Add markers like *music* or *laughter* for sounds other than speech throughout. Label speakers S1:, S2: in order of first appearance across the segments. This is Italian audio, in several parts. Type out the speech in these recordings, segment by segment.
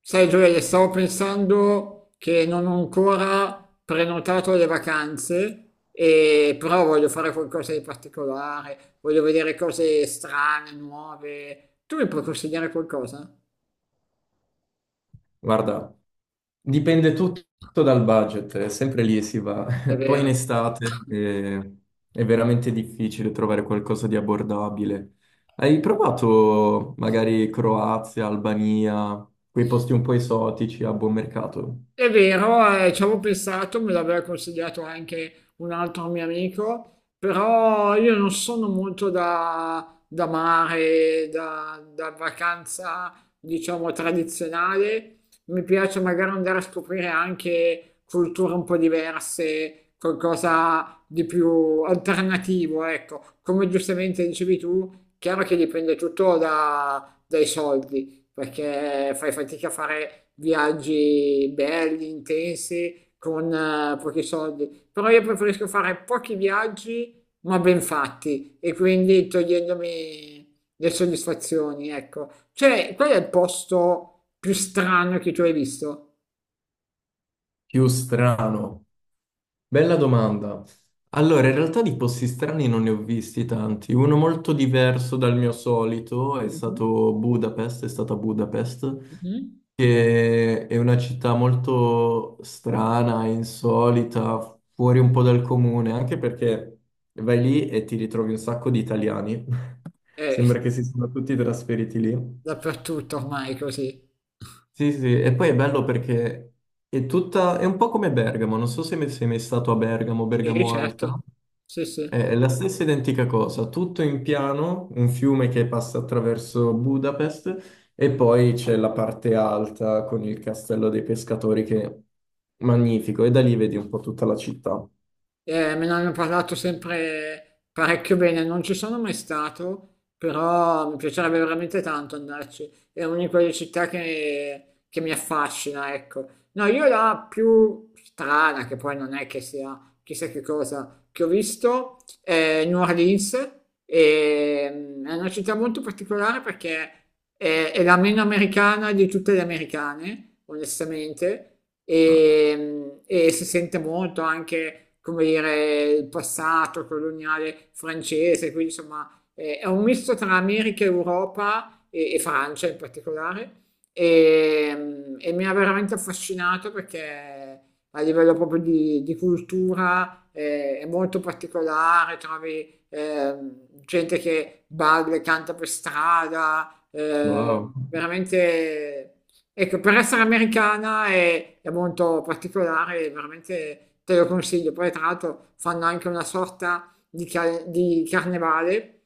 S1: Sai Gioele, stavo pensando che non ho ancora prenotato le vacanze, però voglio fare qualcosa di particolare, voglio vedere cose strane, nuove. Tu mi puoi consigliare qualcosa?
S2: Guarda, dipende tutto dal budget, è sempre lì si va. *laughs* Poi in
S1: Davvero?
S2: estate
S1: *laughs*
S2: è veramente difficile trovare qualcosa di abbordabile. Hai provato magari Croazia, Albania, quei posti un po' esotici a buon mercato?
S1: È vero, ci avevo pensato, me l'aveva consigliato anche un altro mio amico, però io non sono molto da mare, da vacanza, diciamo, tradizionale. Mi piace magari andare a scoprire anche culture un po' diverse, qualcosa di più alternativo, ecco. Come giustamente dicevi tu, chiaro che dipende tutto dai soldi perché fai fatica a fare viaggi belli, intensi, con pochi soldi. Però io preferisco fare pochi viaggi, ma ben fatti, e quindi togliendomi le soddisfazioni, ecco. Cioè, qual è il posto più strano che tu hai visto?
S2: Più strano. Bella domanda. Allora, in realtà di posti strani non ne ho visti tanti. Uno molto diverso dal mio solito è
S1: Mhm,
S2: stato Budapest, è stata Budapest,
S1: mhm.
S2: che è una città molto strana, insolita, fuori un po' dal comune, anche perché vai lì e ti ritrovi un sacco di italiani. *laughs*
S1: Eh,
S2: Sembra che si siano tutti trasferiti lì.
S1: dappertutto ormai è così.
S2: Sì, sì, e poi è bello perché è tutta, è un po' come Bergamo, non so se sei mai stato a Bergamo,
S1: Sì,
S2: Bergamo
S1: certo.
S2: Alta.
S1: Sì, sì.
S2: È la stessa identica cosa, tutto in piano, un fiume che passa attraverso Budapest e poi c'è la parte alta con il castello dei pescatori che è magnifico e da lì vedi un po' tutta la città.
S1: Me ne hanno parlato sempre parecchio bene, non ci sono mai stato, però mi piacerebbe veramente tanto andarci. È una di quelle città che mi affascina, ecco. No, io la più strana, che poi non è che sia chissà che cosa, che ho visto è New Orleans, è una città molto particolare perché è la meno americana di tutte le americane, onestamente, e si sente molto anche, come dire, il passato coloniale francese, quindi insomma è un misto tra America e Europa e Francia in particolare e mi ha veramente affascinato perché a livello proprio di cultura è molto particolare, trovi gente che balla e canta per strada,
S2: Wow.
S1: veramente Ecco, per essere americana è molto particolare, veramente te lo consiglio. Poi, tra l'altro, fanno anche una sorta di carnevale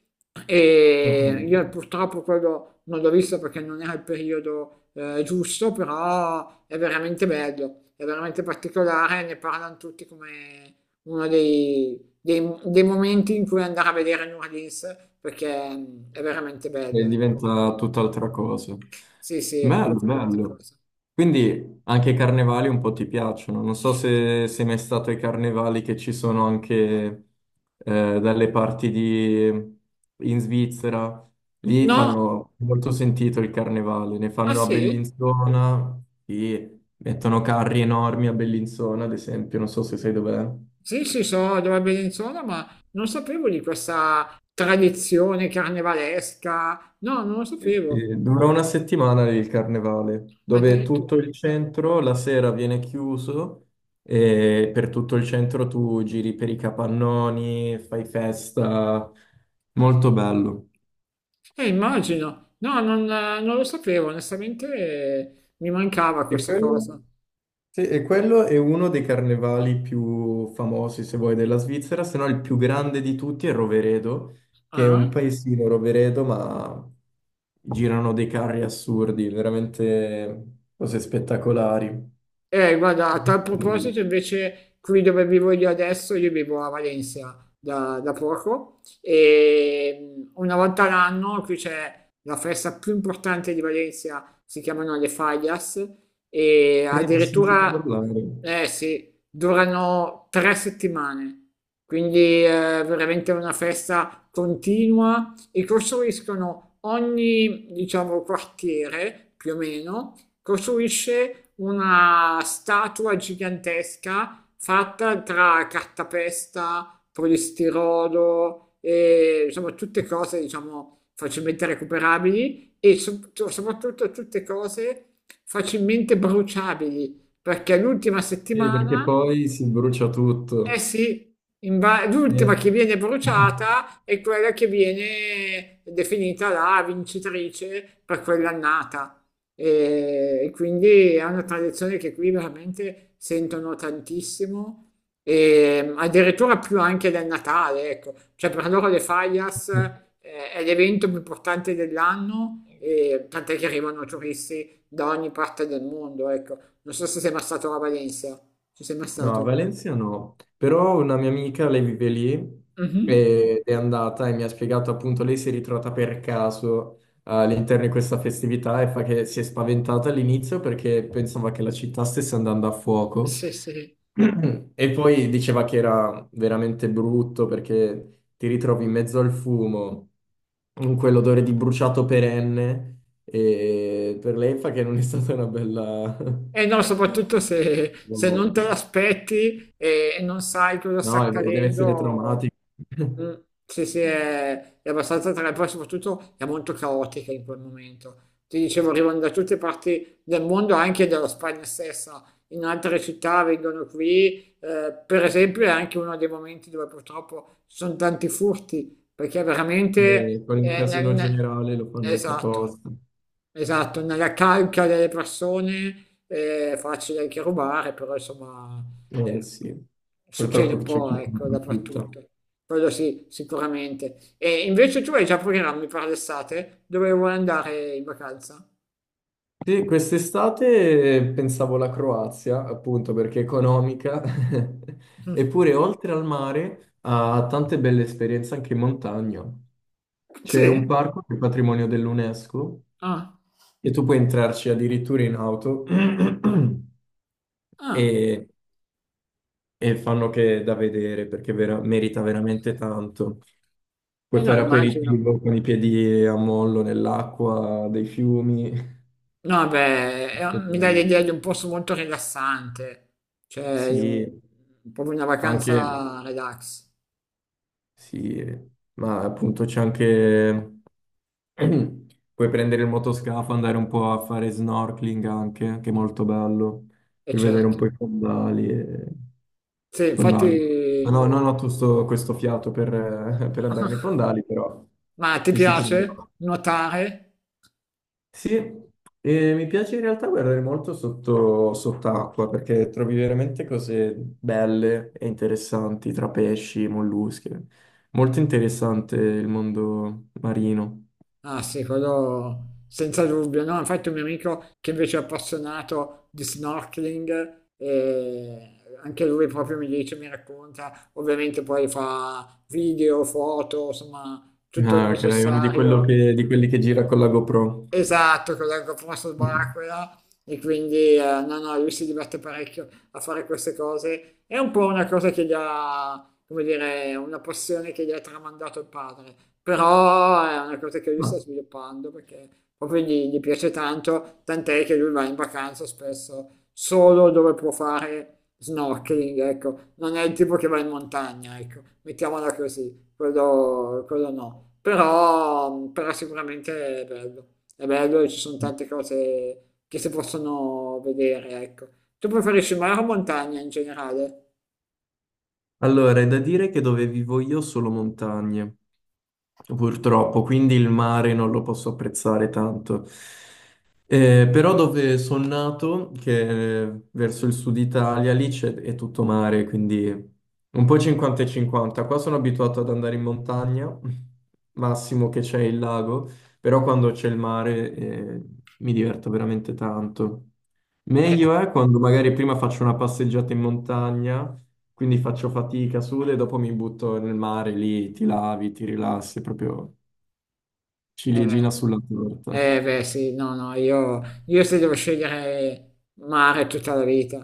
S2: Ok.
S1: e io purtroppo quello non l'ho visto perché non era il periodo giusto, però è veramente bello, è veramente particolare, ne parlano tutti come uno dei momenti in cui andare a vedere New Orleans perché è veramente bello.
S2: E
S1: Ecco.
S2: diventa tutt'altra cosa.
S1: Sì, sì, è
S2: Bello,
S1: proprio un'altra
S2: bello.
S1: cosa.
S2: Quindi anche i carnevali un po' ti piacciono. Non so se sei mai stato ai carnevali che ci sono anche dalle parti di, in Svizzera. Lì
S1: No,
S2: fanno molto sentito il carnevale. Ne
S1: Ah
S2: fanno a
S1: sì?
S2: Bellinzona, lì mettono carri enormi a Bellinzona, ad esempio. Non so se sai dov'è.
S1: Sì, sì, so dove Bellinzona, ma non sapevo di questa tradizione carnevalesca. No, non lo
S2: Sì,
S1: sapevo,
S2: sì, dura una settimana il carnevale, dove tutto
S1: addirittura.
S2: il
S1: Ah.
S2: centro la sera viene chiuso e per tutto il centro tu giri per i capannoni, fai festa, molto bello.
S1: Immagino. No, non, non lo sapevo, onestamente mi mancava
S2: E
S1: questa
S2: quello,
S1: cosa.
S2: sì, e quello è uno dei carnevali più famosi, se vuoi, della Svizzera, se no il più grande di tutti è Roveredo, che è
S1: Ah?
S2: un paesino Roveredo, ma girano dei carri assurdi, veramente cose spettacolari.
S1: Guarda, a tal
S2: Mm.
S1: proposito, invece, qui dove vivo io adesso, io vivo a Valencia da poco e una volta all'anno qui c'è la festa più importante di Valencia, si chiamano le Fallas e
S2: Sì, ne ho sentito
S1: addirittura,
S2: parlare.
S1: eh sì, durano 3 settimane. Quindi è veramente una festa continua e costruiscono ogni, diciamo, quartiere più o meno costruisce una statua gigantesca fatta tra cartapesta, polistirolo e insomma tutte cose, diciamo, facilmente recuperabili e soprattutto tutte cose facilmente bruciabili, perché l'ultima
S2: Sì, perché
S1: settimana
S2: poi si brucia
S1: eh
S2: tutto.
S1: sì,
S2: Sì.
S1: l'ultima che viene
S2: *laughs*
S1: bruciata è quella che viene definita la vincitrice per quell'annata. E quindi è una tradizione che qui veramente sentono tantissimo, e addirittura più anche del Natale, ecco. Cioè per loro le Fallas è l'evento più importante dell'anno, e tant'è che arrivano turisti da ogni parte del mondo, ecco. Non so se sei mai stato a Valencia, ci sei mai
S2: No, a
S1: stato?
S2: Valencia no, però una mia amica, lei vive lì. Mm.
S1: Mhm.
S2: Ed è andata e mi ha spiegato appunto, lei si è ritrovata per caso all'interno di questa festività e fa che si è spaventata all'inizio perché pensava che la città stesse andando a fuoco.
S1: Sì, sì,
S2: *clears throat* E poi diceva che era veramente brutto perché ti ritrovi in mezzo al fumo, in quell'odore di bruciato perenne e per lei fa che non è stata una bella.
S1: E no, soprattutto se, se non te
S2: *laughs*
S1: l'aspetti e non sai cosa sta
S2: No, e deve essere
S1: accadendo,
S2: traumatico.
S1: mm,
S2: *laughs*
S1: sì, sì, è abbastanza tra poi soprattutto è molto caotica in quel momento. Ti dicevo, arrivano da tutte parti del mondo, anche dalla Spagna stessa, in altre città vengono qui, per esempio è anche uno dei momenti dove purtroppo ci sono tanti furti, perché veramente...
S2: E poi in casino generale lo fanno anche
S1: esatto.
S2: apposta.
S1: Esatto, nella calca delle persone è facile anche rubare, però insomma
S2: Eh
S1: eh,
S2: sì,
S1: succede
S2: purtroppo
S1: un
S2: c'è
S1: po',
S2: chi ne
S1: ecco,
S2: approfitta.
S1: dappertutto. Quello sì, sicuramente. E invece tu hai già programmi per l'estate? Dove vuoi andare in vacanza?
S2: Sì, quest'estate pensavo alla Croazia, appunto perché è economica, *laughs* eppure
S1: *laughs*
S2: oltre al mare ha tante belle esperienze anche in montagna. C'è un
S1: Sì?
S2: parco che è patrimonio dell'UNESCO
S1: Ah,
S2: e tu puoi entrarci addirittura in auto. *clears throat*
S1: ah,
S2: e e fanno che da vedere perché merita veramente tanto. Puoi
S1: eh no,
S2: fare
S1: immagino.
S2: aperitivo con i piedi a mollo nell'acqua dei fiumi. È
S1: No, beh, mi dai
S2: bello.
S1: l'idea di un posto molto rilassante, cioè
S2: Sì,
S1: proprio una
S2: anche
S1: vacanza relax,
S2: sì, ma appunto c'è anche, *clears throat* puoi prendere il motoscafo, andare un po' a fare snorkeling anche, che è molto bello,
S1: e
S2: per vedere un
S1: certo.
S2: po' i fondali e
S1: Sì,
S2: fondali. No,
S1: infatti,
S2: no, non ho tutto questo fiato per, *laughs* per andare nei
S1: *laughs*
S2: fondali, però
S1: ma ti
S2: ci si
S1: piace
S2: prova.
S1: nuotare?
S2: Sì, e mi piace in realtà guardare molto sotto, sott'acqua perché trovi veramente cose belle e interessanti tra pesci, molluschi. Molto interessante il mondo marino.
S1: Ah sì, quello senza dubbio, no? Infatti un mio amico che invece è appassionato di snorkeling, anche lui proprio mi dice, mi racconta, ovviamente poi fa video, foto, insomma tutto il
S2: Ah, ok, è uno di,
S1: necessario
S2: di quelli che gira con la GoPro.
S1: Esatto, con la GoPro subacquea e quindi no, no, lui si diverte parecchio a fare queste cose. È un po' una cosa che gli ha, come dire, una passione che gli ha tramandato il padre, però è una cosa che lui
S2: Ah.
S1: sta sviluppando perché proprio gli piace tanto, tant'è che lui va in vacanza spesso solo dove può fare snorkeling, ecco, non è il tipo che va in montagna, ecco, mettiamola così quello no, però sicuramente è bello e ci sono tante cose che si possono vedere, ecco. Tu preferisci mare o montagna in generale?
S2: Allora, è da dire che dove vivo io solo montagne. Purtroppo, quindi il mare non lo posso apprezzare tanto. Però dove sono nato, che è verso il sud Italia, lì c'è, è tutto mare, quindi un po' 50 e 50. Qua sono abituato ad andare in montagna, massimo che c'è il lago, però quando c'è il mare, mi diverto veramente tanto. Meglio
S1: Eh,
S2: è quando magari prima faccio una passeggiata in montagna, quindi faccio fatica, sudo e dopo mi butto nel mare lì, ti lavi, ti rilassi, proprio
S1: eh,
S2: ciliegina sulla torta.
S1: beh, sì, no, no, io se devo scegliere mare tutta la vita,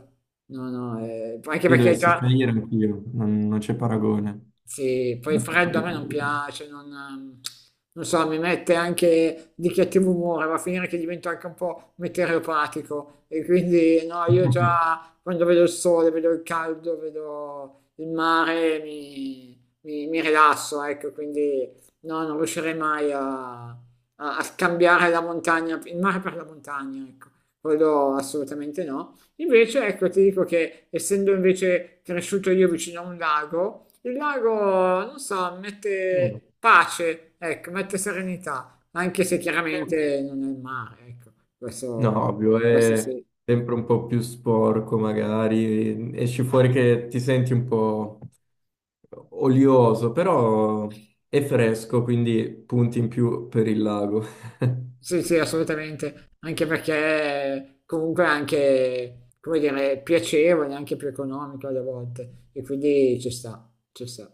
S1: no, no, anche
S2: Lì
S1: perché
S2: dovessi
S1: già,
S2: scegliere anch'io, non, non c'è paragone.
S1: Sì, poi il
S2: Non c'è
S1: freddo a
S2: proprio
S1: me non
S2: paragone.
S1: piace, non, non so, mi mette anche di cattivo umore, va a finire che divento anche un po' meteoropatico e quindi no, io già
S2: *laughs*
S1: quando vedo il sole, vedo il caldo, vedo il mare, mi rilasso, ecco, quindi no, non riuscirei mai a scambiare la montagna, il mare per la montagna, ecco, quello assolutamente no. Invece, ecco, ti dico che essendo invece cresciuto io vicino a un lago, il lago, non so, mette pace, ecco, mette serenità, anche se chiaramente non è il mare, ecco,
S2: No,
S1: questo,
S2: ovvio,
S1: questo
S2: è
S1: sì.
S2: sempre un po' più sporco magari, esci fuori che ti senti un po' olioso, però è fresco, quindi punti in più per il lago. *laughs*
S1: Sì, sì, assolutamente, anche perché comunque è anche, come dire, piacevole, anche più economico alle volte, e quindi ci sta.